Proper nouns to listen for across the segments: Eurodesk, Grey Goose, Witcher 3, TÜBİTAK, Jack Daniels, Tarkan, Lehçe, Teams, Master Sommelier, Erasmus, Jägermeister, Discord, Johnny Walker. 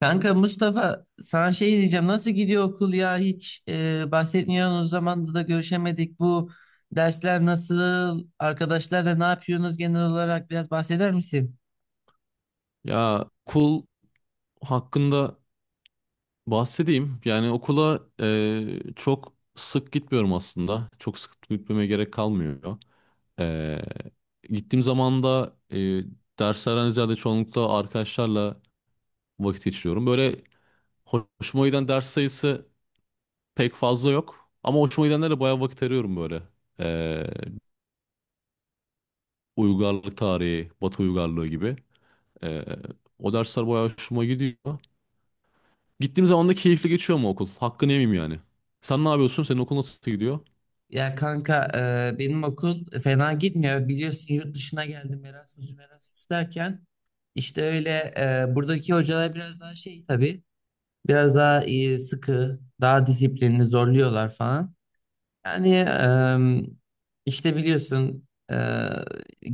Kanka Mustafa sana şey diyeceğim, nasıl gidiyor okul ya? Hiç bahsetmiyorsun, o zamanda da görüşemedik. Bu dersler nasıl, arkadaşlarla ne yapıyorsunuz, genel olarak biraz bahseder misin? Ya okul hakkında bahsedeyim. Yani okula çok sık gitmiyorum aslında. Çok sık gitmeme gerek kalmıyor. E, Gittiğim zaman da derslerden ziyade çoğunlukla arkadaşlarla vakit geçiriyorum. Böyle hoşuma giden ders sayısı pek fazla yok. Ama hoşuma gidenlerle bayağı vakit arıyorum böyle. E, Uygarlık tarihi, Batı uygarlığı gibi. E, O dersler bayağı hoşuma gidiyor. Gittiğim zaman da keyifli geçiyor mu okul? Hakkını yemeyeyim yani. Sen ne yapıyorsun? Senin okul nasıl gidiyor? Ya kanka, benim okul fena gitmiyor, biliyorsun yurt dışına geldim. Erasmus derken işte öyle. Buradaki hocalar biraz daha şey tabii, biraz daha sıkı, daha disiplinli, zorluyorlar falan. Yani işte biliyorsun,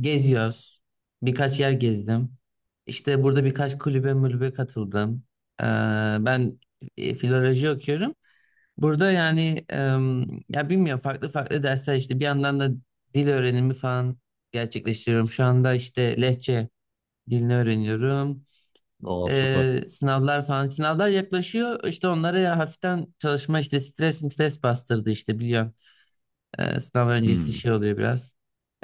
geziyoruz. Birkaç yer gezdim. İşte burada birkaç kulübe mulübe katıldım. Eee, ben filoloji okuyorum. Burada yani ya bilmiyorum, farklı farklı dersler işte. Bir yandan da dil öğrenimi falan gerçekleştiriyorum. Şu anda işte Lehçe dilini öğreniyorum. Aa süper. Sınavlar falan, sınavlar yaklaşıyor. İşte onlara ya hafiften çalışma işte, stres bastırdı işte, biliyorum. Sınav öncesi Hmm. şey oluyor biraz.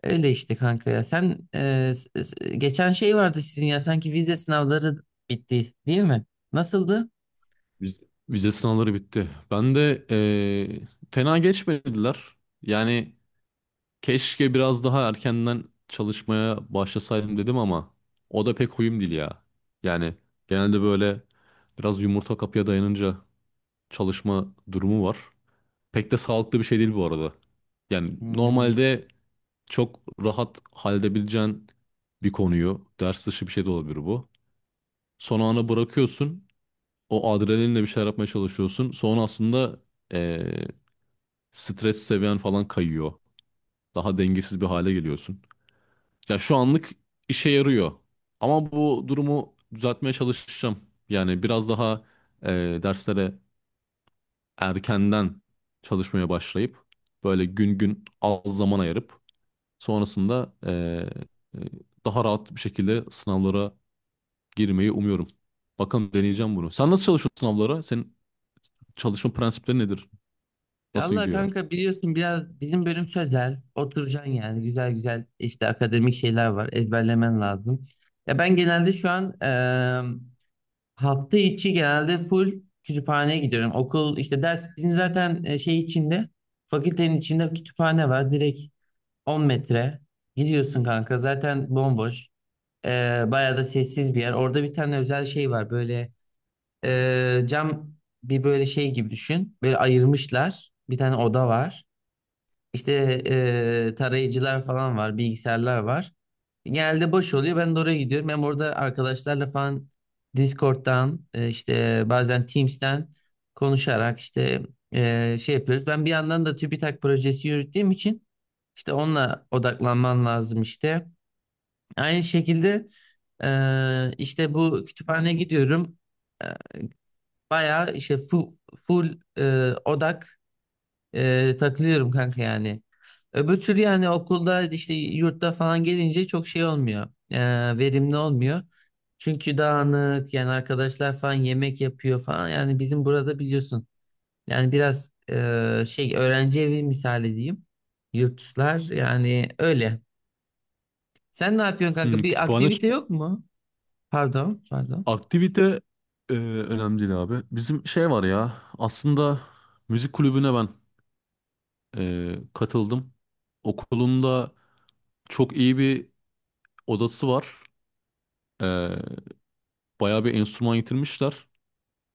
Öyle işte kanka ya. Sen, geçen şey vardı sizin, ya sanki vize sınavları bitti, değil mi? Nasıldı? Viz- Vize sınavları bitti. Ben de fena geçmediler. Yani keşke biraz daha erkenden çalışmaya başlasaydım dedim ama o da pek huyum değil ya. Yani genelde böyle biraz yumurta kapıya dayanınca çalışma durumu var. Pek de sağlıklı bir şey değil bu arada. Yani Hmm. normalde çok rahat halledebileceğin bir konuyu, ders dışı bir şey de olabilir bu. Son ana bırakıyorsun, o adrenalinle bir şeyler yapmaya çalışıyorsun. Sonra aslında eee, stres seviyen falan kayıyor. Daha dengesiz bir hale geliyorsun. Ya şu anlık işe yarıyor. Ama bu durumu düzeltmeye çalışacağım. Yani biraz daha derslere erkenden çalışmaya başlayıp böyle gün gün az zaman ayırıp sonrasında daha rahat bir şekilde sınavlara girmeyi umuyorum. Bakalım deneyeceğim bunu. Sen nasıl çalışıyorsun sınavlara? Senin çalışma prensipleri nedir? Nasıl Valla gidiyor? kanka, biliyorsun biraz bizim bölüm sözel. Oturacaksın yani, güzel güzel işte, akademik şeyler var, ezberlemen lazım. Ya ben genelde şu an hafta içi genelde full kütüphaneye gidiyorum. Okul işte, ders, bizim zaten şey içinde, fakültenin içinde kütüphane var direkt. 10 metre. Gidiyorsun kanka, zaten bomboş. Bayağı da sessiz bir yer. Orada bir tane özel şey var böyle, cam bir böyle şey gibi düşün. Böyle ayırmışlar. Bir tane oda var. İşte tarayıcılar falan var, bilgisayarlar var. Genelde boş oluyor. Ben de oraya gidiyorum. Ben orada arkadaşlarla falan Discord'dan, işte bazen Teams'ten konuşarak işte şey yapıyoruz. Ben bir yandan da TÜBİTAK projesi yürüttüğüm için işte onunla odaklanman lazım işte. Aynı şekilde işte bu kütüphaneye gidiyorum. E, bayağı işte full odak takılıyorum kanka yani. Öbür türlü yani okulda işte, yurtta falan gelince çok şey olmuyor, verimli olmuyor. Çünkü dağınık yani, arkadaşlar falan yemek yapıyor falan. Yani bizim burada biliyorsun. Yani biraz şey, öğrenci evi misali diyeyim. Yurtlar yani öyle. Sen ne yapıyorsun Hmm, kanka? Bir aktivite yok mu? Pardon, pardon. aktivite önemli değil abi. Bizim şey var ya aslında müzik kulübüne ben katıldım. Okulunda çok iyi bir odası var. Eee Bayağı bir enstrüman getirmişler.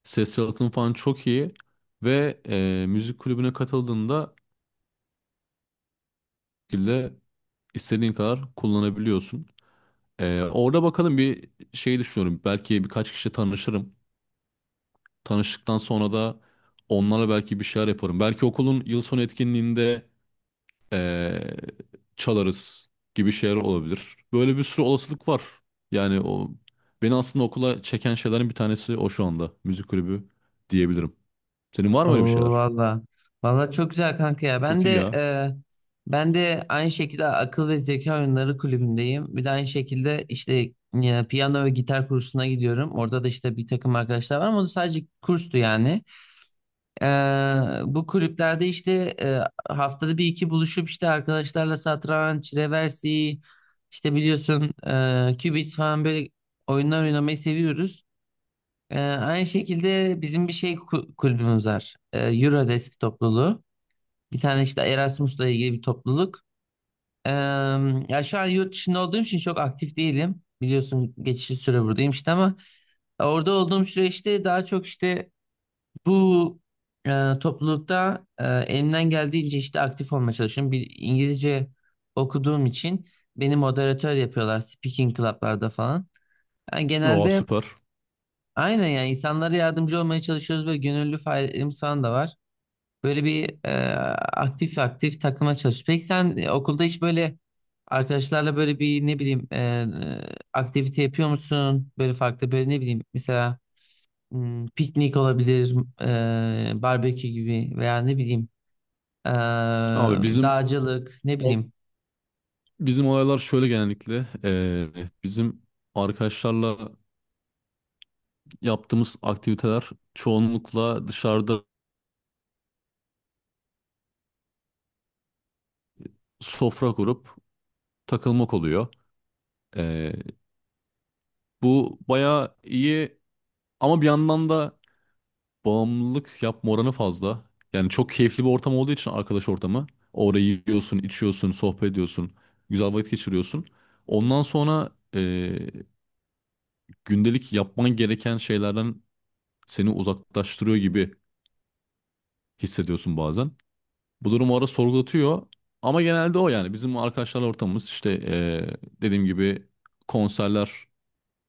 Ses yalıtım falan çok iyi. Ve müzik kulübüne katıldığında İstediğin kadar kullanabiliyorsun. Orada bakalım bir şey düşünüyorum. Belki birkaç kişi tanışırım. Tanıştıktan sonra da onlarla belki bir şeyler yaparım. Belki okulun yıl sonu etkinliğinde ee, çalarız gibi şeyler olabilir. Böyle bir sürü olasılık var. Yani o beni aslında okula çeken şeylerin bir tanesi o şu anda. Müzik kulübü diyebilirim. Senin var mı öyle bir Oo şeyler? valla. Valla çok güzel kanka ya. Ben Çok iyi de ya. Aynı şekilde akıl ve zeka oyunları kulübündeyim. Bir de aynı şekilde işte piyano ve gitar kursuna gidiyorum. Orada da işte bir takım arkadaşlar var, ama o da sadece kurstu yani. E, bu kulüplerde işte haftada bir iki buluşup işte arkadaşlarla satranç, reversi, işte biliyorsun kübis falan, böyle oyunlar oynamayı seviyoruz. Aynı şekilde bizim bir şey kulübümüz var. Eurodesk topluluğu. Bir tane işte Erasmus'la ilgili bir topluluk. Ee, ya şu an yurt dışında olduğum için çok aktif değilim. Biliyorsun geçici süre buradayım işte, ama orada olduğum süreçte daha çok işte bu toplulukta elimden geldiğince işte aktif olmaya çalışıyorum. Bir İngilizce okuduğum için beni moderatör yapıyorlar speaking club'larda falan. Yani Oo genelde süper. aynen, yani insanlara yardımcı olmaya çalışıyoruz ve gönüllü faaliyetlerimiz falan da var. Böyle bir aktif aktif takıma çalışıyoruz. Peki sen okulda hiç böyle arkadaşlarla böyle bir, ne bileyim, aktivite yapıyor musun? Böyle farklı, böyle ne bileyim, mesela piknik olabilir, barbekü gibi, veya ne bileyim e, Abi bizim dağcılık, ne bileyim. Bizim olaylar şöyle genellikle bizim arkadaşlarla yaptığımız aktiviteler çoğunlukla dışarıda sofra kurup takılmak oluyor. Eee, Bu bayağı iyi ama bir yandan da bağımlılık yapma oranı fazla. Yani çok keyifli bir ortam olduğu için arkadaş ortamı. Orayı yiyorsun, içiyorsun, sohbet ediyorsun, güzel vakit geçiriyorsun. Ondan sonra gündelik yapman gereken şeylerden seni uzaklaştırıyor gibi hissediyorsun bazen. Bu durum o ara sorgulatıyor. Ama genelde o yani bizim arkadaşlarla ortamımız işte dediğim gibi konserler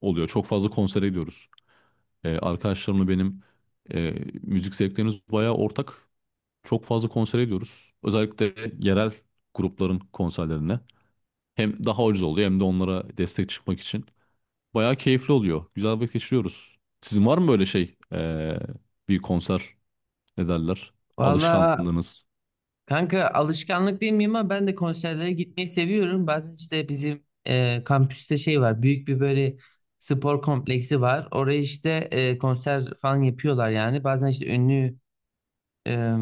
oluyor. Çok fazla konsere gidiyoruz. Arkadaşlarımla benim eee, müzik zevklerimiz bayağı ortak. Çok fazla konsere gidiyoruz. Özellikle yerel grupların konserlerine. Hem daha ucuz oluyor hem de onlara destek çıkmak için. Bayağı keyifli oluyor. Güzel vakit geçiriyoruz. Sizin var mı böyle şey bir konser ne derler? Valla Alışkanlığınız. kanka, alışkanlık değil miyim ama ben de konserlere gitmeyi seviyorum. Bazen işte bizim kampüste şey var, büyük bir böyle spor kompleksi var. Oraya işte konser falan yapıyorlar yani. Bazen işte ünlü, e,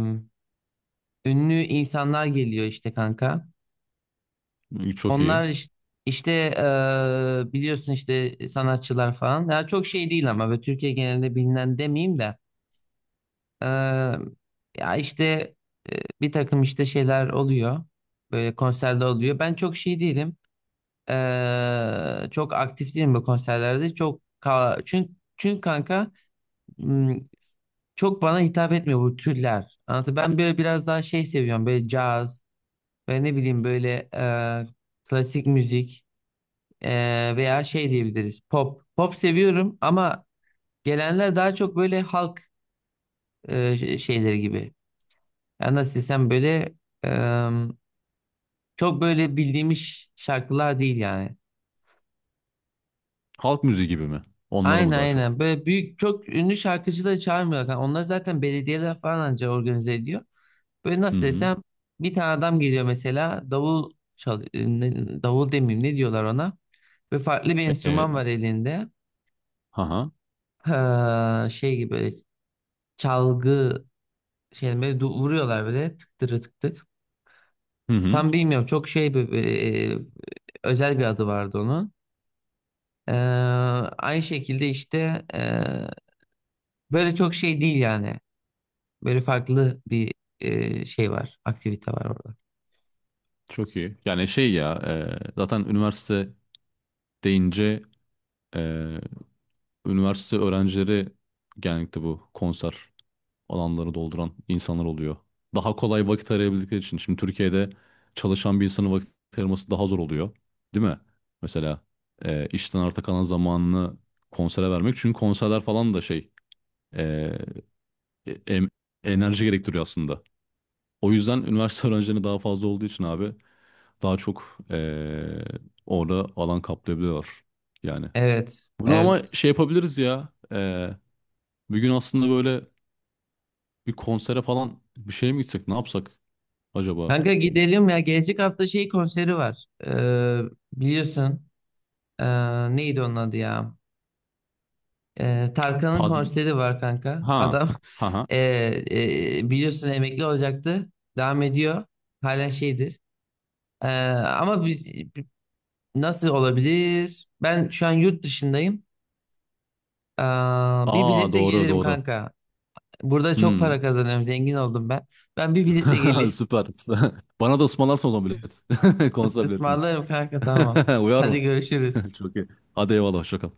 ünlü insanlar geliyor işte kanka. Çok iyi. Onlar işte, biliyorsun işte, sanatçılar falan. Ya çok şey değil, ama böyle Türkiye genelinde bilinen, demeyeyim de. Ee, ya işte bir takım işte şeyler oluyor. Böyle konserde oluyor. Ben çok şey değilim, çok aktif değilim bu konserlerde. Çok ka- çünkü çünkü kanka, m, çok bana hitap etmiyor bu türler. Anlatı, ben böyle biraz daha şey seviyorum. Böyle caz, ve ne bileyim, böyle klasik müzik, e, veya şey diyebiliriz, pop. Pop seviyorum ama gelenler daha çok böyle halk şeyleri gibi. Yani nasıl desem böyle, em, çok böyle bildiğimiz şarkılar değil yani. Halk müziği gibi mi? Onlara Aynen, mı daha çok? aynen. Böyle büyük, çok ünlü şarkıcıları çağırmıyorlar. Yani onlar zaten belediyeler falan anca organize ediyor. Böyle Hı nasıl hı. desem, bir tane adam geliyor mesela, davul demeyeyim, ne diyorlar ona. Ve farklı bir E, enstrüman var elinde. haha. Ha, şey gibi böyle çalgı şey, böyle vuruyorlar böyle, tık tırı tık tık. Hı hı. Tam bilmiyorum, çok şey böyle, özel bir adı vardı onun. Ee, aynı şekilde işte böyle çok şey değil yani. Böyle farklı bir şey var, aktivite var orada. Çok iyi. Yani şey ya, zaten üniversite deyince e, üniversite öğrencileri genellikle bu konser alanları dolduran insanlar oluyor. Daha kolay vakit arayabildikleri için. Şimdi Türkiye'de çalışan bir insanın vakit ayırması daha zor oluyor. Değil mi? Mesela işten arta kalan zamanını konsere vermek. Çünkü konserler falan da şey e, e, em- enerji gerektiriyor aslında. O yüzden üniversite öğrencilerine daha fazla olduğu için abi daha çok orada alan kaplayabiliyorlar. Yani Evet, bunu ama evet. şey yapabiliriz ya. Bir gün aslında böyle bir konsere falan bir şeye mi gitsek ne yapsak acaba? Kanka gidelim ya. Gelecek hafta şey konseri var. Biliyorsun. Neydi onun adı ya? Tarkan'ın Pad konseri var kanka. ha Adam ha ha. e, biliyorsun, emekli olacaktı. Devam ediyor. Hala şeydir. Ee, ama biz nasıl olabilir? Ben şu an yurt dışındayım. Aa, bir Aa biletle doğru gelirim doğru. kanka. Burada çok Hmm. para kazanıyorum. Zengin oldum ben. Ben bir biletle geleyim. Süper. Bana da ısmarlarsın o zaman bilet. Is Konser biletini. ısmarlarım kanka, tamam. Uyar mı? Hadi görüşürüz. Çok iyi. Hadi eyvallah hoşça kal.